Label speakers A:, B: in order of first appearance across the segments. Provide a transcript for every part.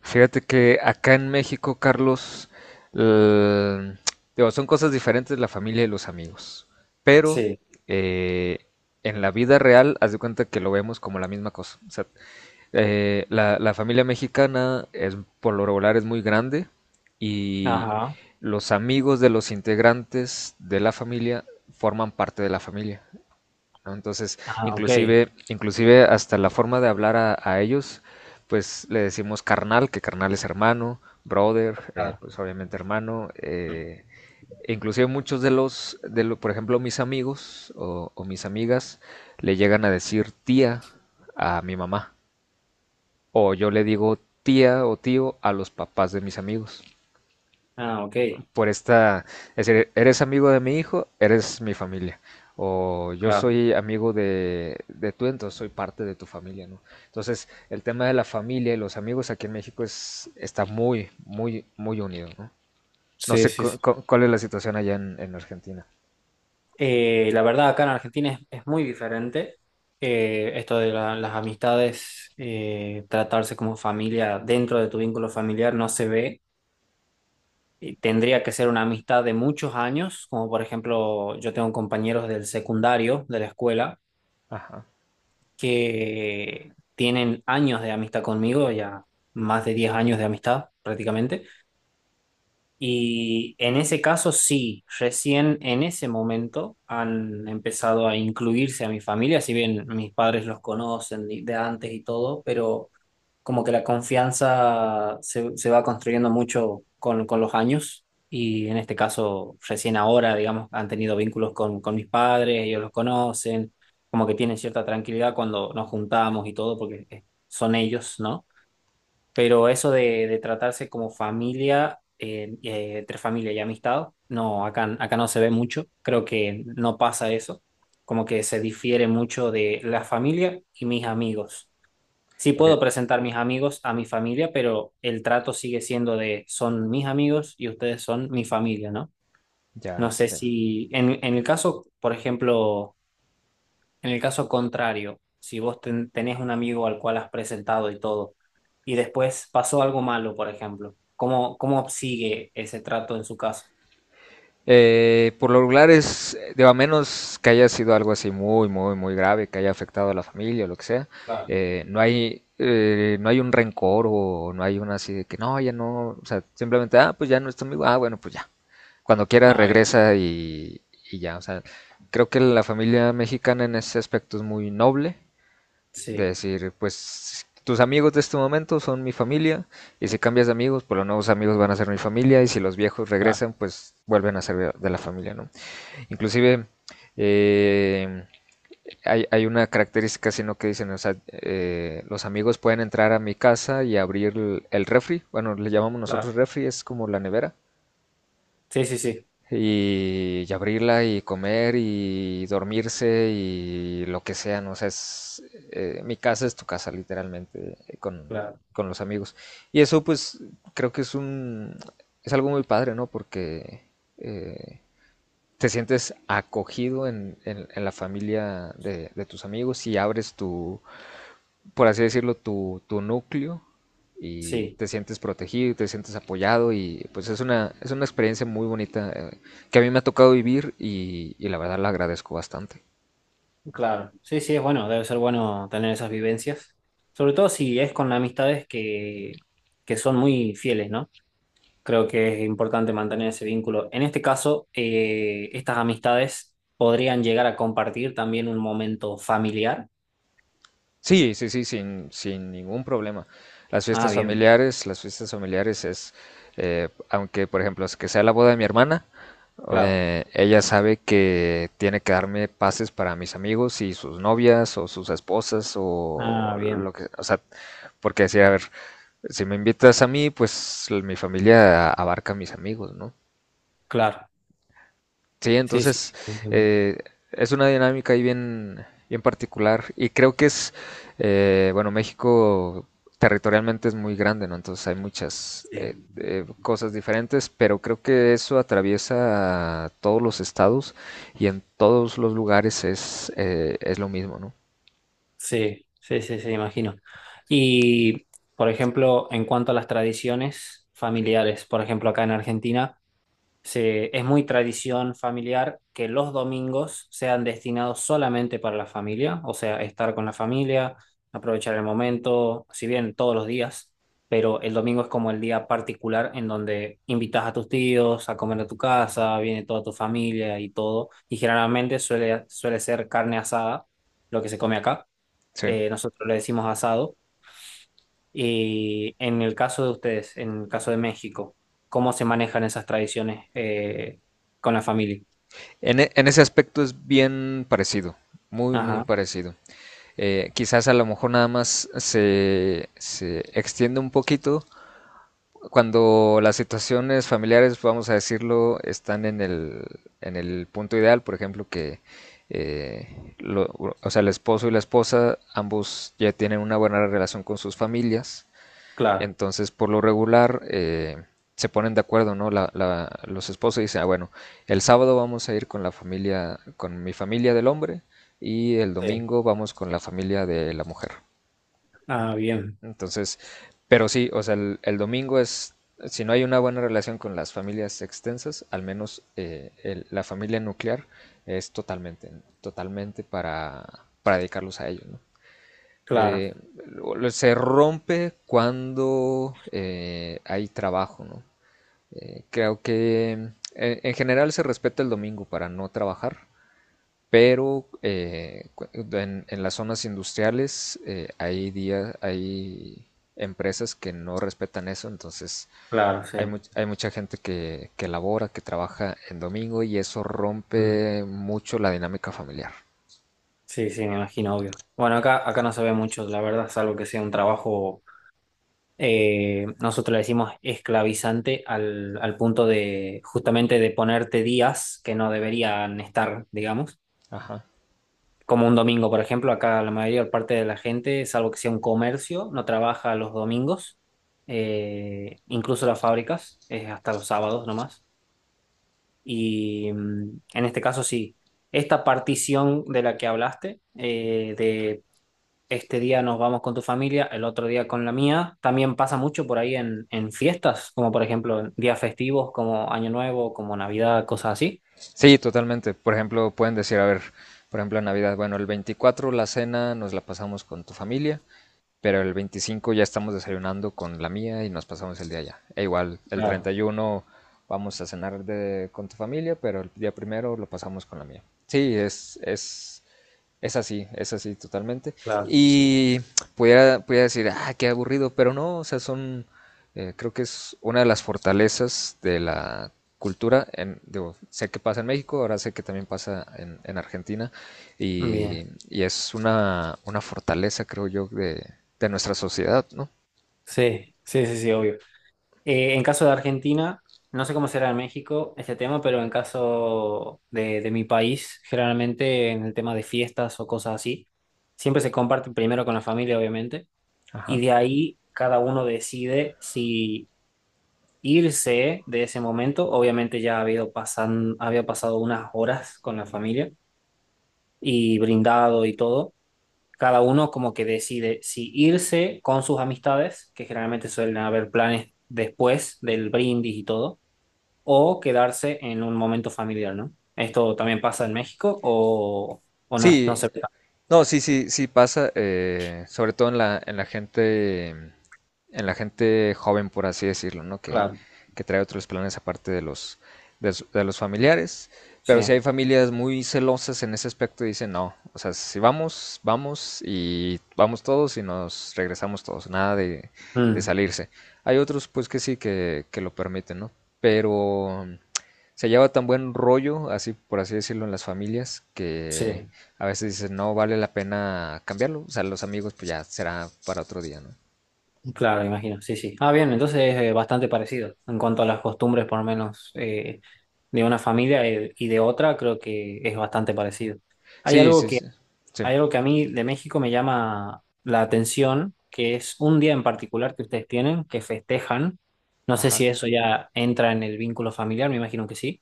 A: Fíjate que acá en México, Carlos, eh, digo, son cosas diferentes la familia y los amigos, pero
B: Sí,
A: eh, en la vida real, haz de cuenta que lo vemos como la misma cosa. O sea, la familia mexicana es, por lo regular es muy grande, y
B: ajá,
A: los amigos de los integrantes de la familia forman parte de la familia, ¿no? Entonces,
B: ajá, ok.
A: inclusive, inclusive hasta la forma de hablar a ellos, pues le decimos carnal, que carnal es hermano, brother,
B: Claro.
A: pues obviamente hermano. E inclusive muchos de los, de lo- por ejemplo, mis amigos o mis amigas le llegan a decir tía a mi mamá. O yo le digo tía o tío a los papás de mis amigos
B: Ah, ok.
A: por esta, es decir, eres amigo de mi hijo, eres mi familia. O yo
B: Claro.
A: soy amigo de tú, entonces soy parte de tu familia, ¿no? Entonces, el tema de la familia y los amigos aquí en México es, está muy, muy, muy unido, ¿no? No
B: Sí,
A: sé
B: sí, sí.
A: cuál es la situación allá en Argentina.
B: La verdad, acá en Argentina es muy diferente. Esto de las amistades, tratarse como familia dentro de tu vínculo familiar no se ve. Y tendría que ser una amistad de muchos años, como por ejemplo, yo tengo compañeros del secundario, de la escuela,
A: Ajá.
B: que tienen años de amistad conmigo, ya más de 10 años de amistad prácticamente. Y en ese caso sí, recién en ese momento han empezado a incluirse a mi familia, si bien mis padres los conocen de antes y todo, pero como que la confianza se va construyendo mucho con los años y en este caso recién ahora, digamos, han tenido vínculos con mis padres, ellos los conocen, como que tienen cierta tranquilidad cuando nos juntamos y todo, porque son ellos, ¿no? Pero eso de tratarse como familia, entre familia y amistad, no, acá no se ve mucho. Creo que no pasa eso. Como que se difiere mucho de la familia y mis amigos. Sí
A: Ok,
B: puedo presentar mis amigos a mi familia, pero el trato sigue siendo de son mis amigos y ustedes son mi familia, ¿no? No
A: ya,
B: sé
A: bien.
B: si en el caso, por ejemplo en el caso contrario, si vos tenés un amigo al cual has presentado y todo, y después pasó algo malo, por ejemplo, ¿cómo, cómo sigue ese trato en su caso?
A: Por lo regular es, digo, a menos que haya sido algo así muy, muy, muy grave, que haya afectado a la familia o lo que sea,
B: Claro.
A: no hay, no hay un rencor o no hay una así de que no, ya no, o sea, simplemente, ah, pues ya no es tu amigo, ah, bueno, pues ya. Cuando quiera
B: Ah, bien,
A: regresa y ya, o sea, creo que la familia mexicana en ese aspecto es muy noble de
B: sí,
A: decir, pues tus amigos de este momento son mi familia, y si cambias de amigos, pues los nuevos amigos van a ser mi familia, y si los viejos
B: claro,
A: regresan, pues vuelven a ser de la familia, ¿no? Inclusive eh, hay una característica, sino que dicen, o sea, los amigos pueden entrar a mi casa y abrir el refri, bueno, le llamamos
B: claro,
A: nosotros refri, es como la nevera,
B: sí, sí, sí,
A: y abrirla y comer y dormirse y lo que sea, ¿no? O sea, es, mi casa es tu casa, literalmente,
B: claro,
A: con los amigos. Y eso, pues, creo que es un, es algo muy padre, ¿no? Porque eh, te sientes acogido en la familia de tus amigos y abres tu, por así decirlo, tu núcleo y
B: sí,
A: te sientes protegido y te sientes apoyado y pues es una experiencia muy bonita que a mí me ha tocado vivir y la verdad la agradezco bastante.
B: claro. Sí, sí, es bueno, debe ser bueno tener esas vivencias, sobre todo si es con amistades que son muy fieles, ¿no? Creo que es importante mantener ese vínculo. En este caso, estas amistades podrían llegar a compartir también un momento familiar.
A: Sí, sí, sí, sin, sin ningún problema.
B: Ah, bien,
A: Las fiestas familiares es, aunque por ejemplo, es que sea la boda de mi hermana,
B: claro.
A: ella sabe que tiene que darme pases para mis amigos y sus novias o sus esposas o
B: Ah, bien,
A: lo que, o sea, porque decía, a ver, si me invitas a mí, pues mi familia abarca a mis amigos, ¿no?
B: claro.
A: Sí,
B: Sí, sí, sí,
A: entonces
B: entiendo.
A: eh, es una dinámica ahí bien, bien particular y creo que es, bueno, México territorialmente es muy grande, ¿no? Entonces hay muchas
B: Sí,
A: cosas diferentes, pero creo que eso atraviesa todos los estados y en todos los lugares es lo mismo, ¿no?
B: sí, sí, sí, sí, sí, imagino. Y, por ejemplo, en cuanto a las tradiciones familiares, por ejemplo, acá en Argentina, es muy tradición familiar que los domingos sean destinados solamente para la familia, o sea, estar con la familia, aprovechar el momento, si bien todos los días, pero el domingo es como el día particular en donde invitas a tus tíos a comer a tu casa, viene toda tu familia y todo, y generalmente suele ser carne asada, lo que se come acá.
A: Sí.
B: Nosotros le decimos asado y en el caso de ustedes, en el caso de México, ¿cómo se manejan esas tradiciones con la familia?
A: En ese aspecto es bien parecido, muy, muy
B: Ajá,
A: parecido. Quizás a lo mejor nada más se, se extiende un poquito cuando las situaciones familiares, vamos a decirlo, están en el punto ideal, por ejemplo, que eh, lo- o sea, el esposo y la esposa, ambos ya tienen una buena relación con sus familias,
B: claro,
A: entonces por lo regular se ponen de acuerdo, ¿no? Los esposos dicen, ah, bueno, el sábado vamos a ir con la familia, con mi familia del hombre y el
B: sí.
A: domingo vamos con la familia de la mujer.
B: Ah, bien,
A: Entonces, pero sí, o sea, el domingo es, si no hay una buena relación con las familias extensas, al menos el- la familia nuclear es totalmente, totalmente para dedicarlos a ellos, ¿no?
B: claro,
A: Eh, Se rompe cuando hay trabajo, ¿no? Creo que en general se respeta el domingo para no trabajar, pero en las zonas industriales hay días, hay empresas que no respetan eso, entonces
B: claro, sí.
A: hay, hay mucha gente que labora, que trabaja en domingo y eso
B: Mm.
A: rompe mucho la dinámica familiar.
B: Sí, sí, me imagino, obvio. Bueno, acá no se ve mucho, la verdad, salvo que sea un trabajo, nosotros le decimos esclavizante al punto de justamente de ponerte días que no deberían estar, digamos.
A: Ajá.
B: Como un domingo, por ejemplo, acá la mayor parte de la gente, salvo que sea un comercio, no trabaja los domingos, incluso las fábricas, es hasta los sábados nomás. Y en este caso sí, esta partición de la que hablaste, de este día nos vamos con tu familia, el otro día con la mía, también pasa mucho por ahí en fiestas, como por ejemplo en días festivos, como Año Nuevo, como Navidad, cosas así.
A: Sí, totalmente. Por ejemplo, pueden decir, a ver, por ejemplo, en Navidad, bueno, el 24 la cena nos la pasamos con tu familia. Pero el 25 ya estamos desayunando con la mía y nos pasamos el día allá. E igual, el
B: Claro,
A: 31 vamos a cenar con tu familia, pero el día primero lo pasamos con la mía. Sí, es así totalmente.
B: claro.
A: Y pudiera, pudiera decir, ah, qué aburrido, pero no, o sea, son, creo que es una de las fortalezas de la cultura. En, digo, sé que pasa en México, ahora sé que también pasa en Argentina,
B: Bien.
A: y es una fortaleza, creo yo, de nuestra sociedad, ¿no?
B: Sí, sí, sí, sí, obvio. En caso de Argentina, no sé cómo será en México este tema, pero en caso de mi país, generalmente en el tema de fiestas o cosas así, siempre se comparte primero con la familia, obviamente, y
A: Ajá.
B: de ahí cada uno decide si irse de ese momento. Obviamente ya ha habido pasan, había pasado unas horas con la familia y brindado y todo. Cada uno como que decide si irse con sus amistades, que generalmente suelen haber planes después del brindis y todo o quedarse en un momento familiar, ¿no? ¿Esto también pasa en México o no,
A: Sí,
B: no se ve tanto?
A: no, sí, sí, sí pasa, sobre todo en la gente joven, por así decirlo, ¿no?
B: Claro,
A: Que trae otros planes aparte de los, de, de los familiares.
B: sí.
A: Pero si hay familias muy celosas en ese aspecto, dicen no, o sea, si vamos, vamos y vamos todos y nos regresamos todos, nada de, de
B: Mm,
A: salirse. Hay otros, pues que sí, que lo permiten, ¿no? Pero se lleva tan buen rollo, así por así decirlo, en las familias, que
B: sí,
A: a veces dices, no vale la pena cambiarlo. O sea, los amigos, pues ya será para otro día, ¿no?
B: claro, imagino. Sí, sí. Ah, bien, entonces es bastante parecido en cuanto a las costumbres, por lo menos de una familia y de otra, creo que es bastante parecido. Hay
A: Sí,
B: algo
A: sí,
B: que,
A: sí. Sí,
B: hay algo que a mí de México me llama la atención, que es un día en particular que ustedes tienen, que festejan. No sé
A: ajá.
B: si eso ya entra en el vínculo familiar, me imagino que sí,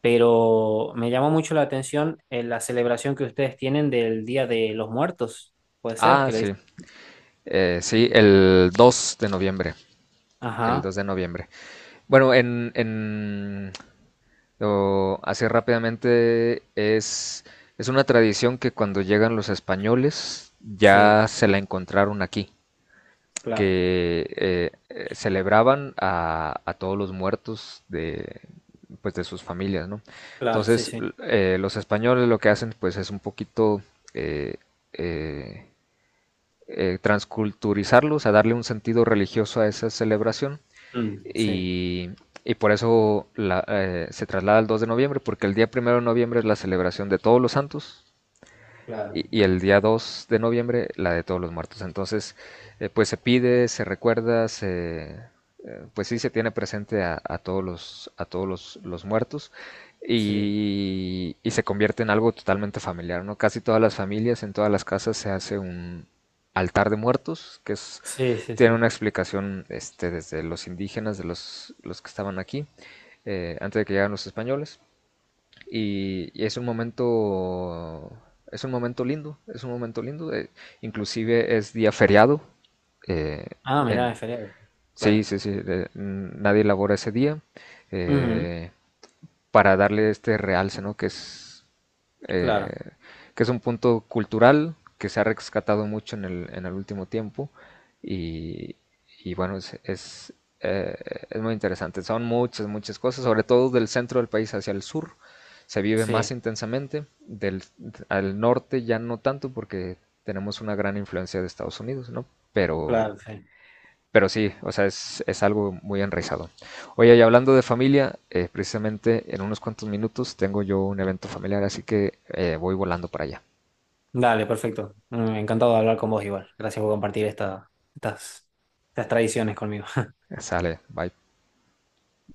B: pero me llamó mucho la atención la celebración que ustedes tienen del Día de los Muertos. Puede ser
A: Ah,
B: que le
A: sí.
B: dicen.
A: Sí, el 2 de noviembre. El
B: Ajá,
A: 2 de noviembre. Bueno, en o así rápidamente es una tradición que cuando llegan los españoles
B: sí,
A: ya se la encontraron aquí.
B: claro,
A: Que celebraban a todos los muertos de, pues, de sus familias, ¿no?
B: claro, sí,
A: Entonces,
B: sí.
A: los españoles lo que hacen, pues, es un poquito eh, eh, transculturizarlo, o sea, darle un sentido religioso a esa celebración
B: Mm, sí,
A: y, y por eso se traslada al 2 de noviembre, porque el día primero de noviembre es la celebración de todos los santos,
B: claro,
A: y el día 2 de noviembre, la de todos los muertos. Entonces, pues se pide, se recuerda, se, pues sí se tiene presente a todos los muertos
B: sí.
A: y se convierte en algo totalmente familiar, ¿no? Casi todas las familias, en todas las casas se hace un altar de muertos, que es,
B: Sí, sí,
A: tiene
B: sí.
A: una explicación este, desde los indígenas, de los que estaban aquí, antes de que llegaran los españoles y es un momento lindo, es un momento lindo. Inclusive es día feriado. eh,
B: Ah, mirá,
A: en,
B: es feriado.
A: sí,
B: Claro.
A: sí, sí, nadie labora ese día.
B: Ujú,
A: eh, para darle este realce, ¿no? Eh,
B: claro,
A: que es un punto cultural que se ha rescatado mucho en el último tiempo y, y bueno, eh, es muy interesante. Son muchas, muchas cosas, sobre todo del centro del país hacia el sur se vive más
B: sí,
A: intensamente, del, al norte ya no tanto porque tenemos una gran influencia de Estados Unidos, ¿no? Pero
B: claro, sí.
A: pero sí, o sea, es algo muy enraizado. Oye, y hablando de familia, precisamente en unos cuantos minutos tengo yo un evento familiar, así que voy volando para allá.
B: Dale, perfecto. Mm, encantado de hablar con vos igual. Gracias por compartir estas, estas tradiciones conmigo.
A: Sale, bye.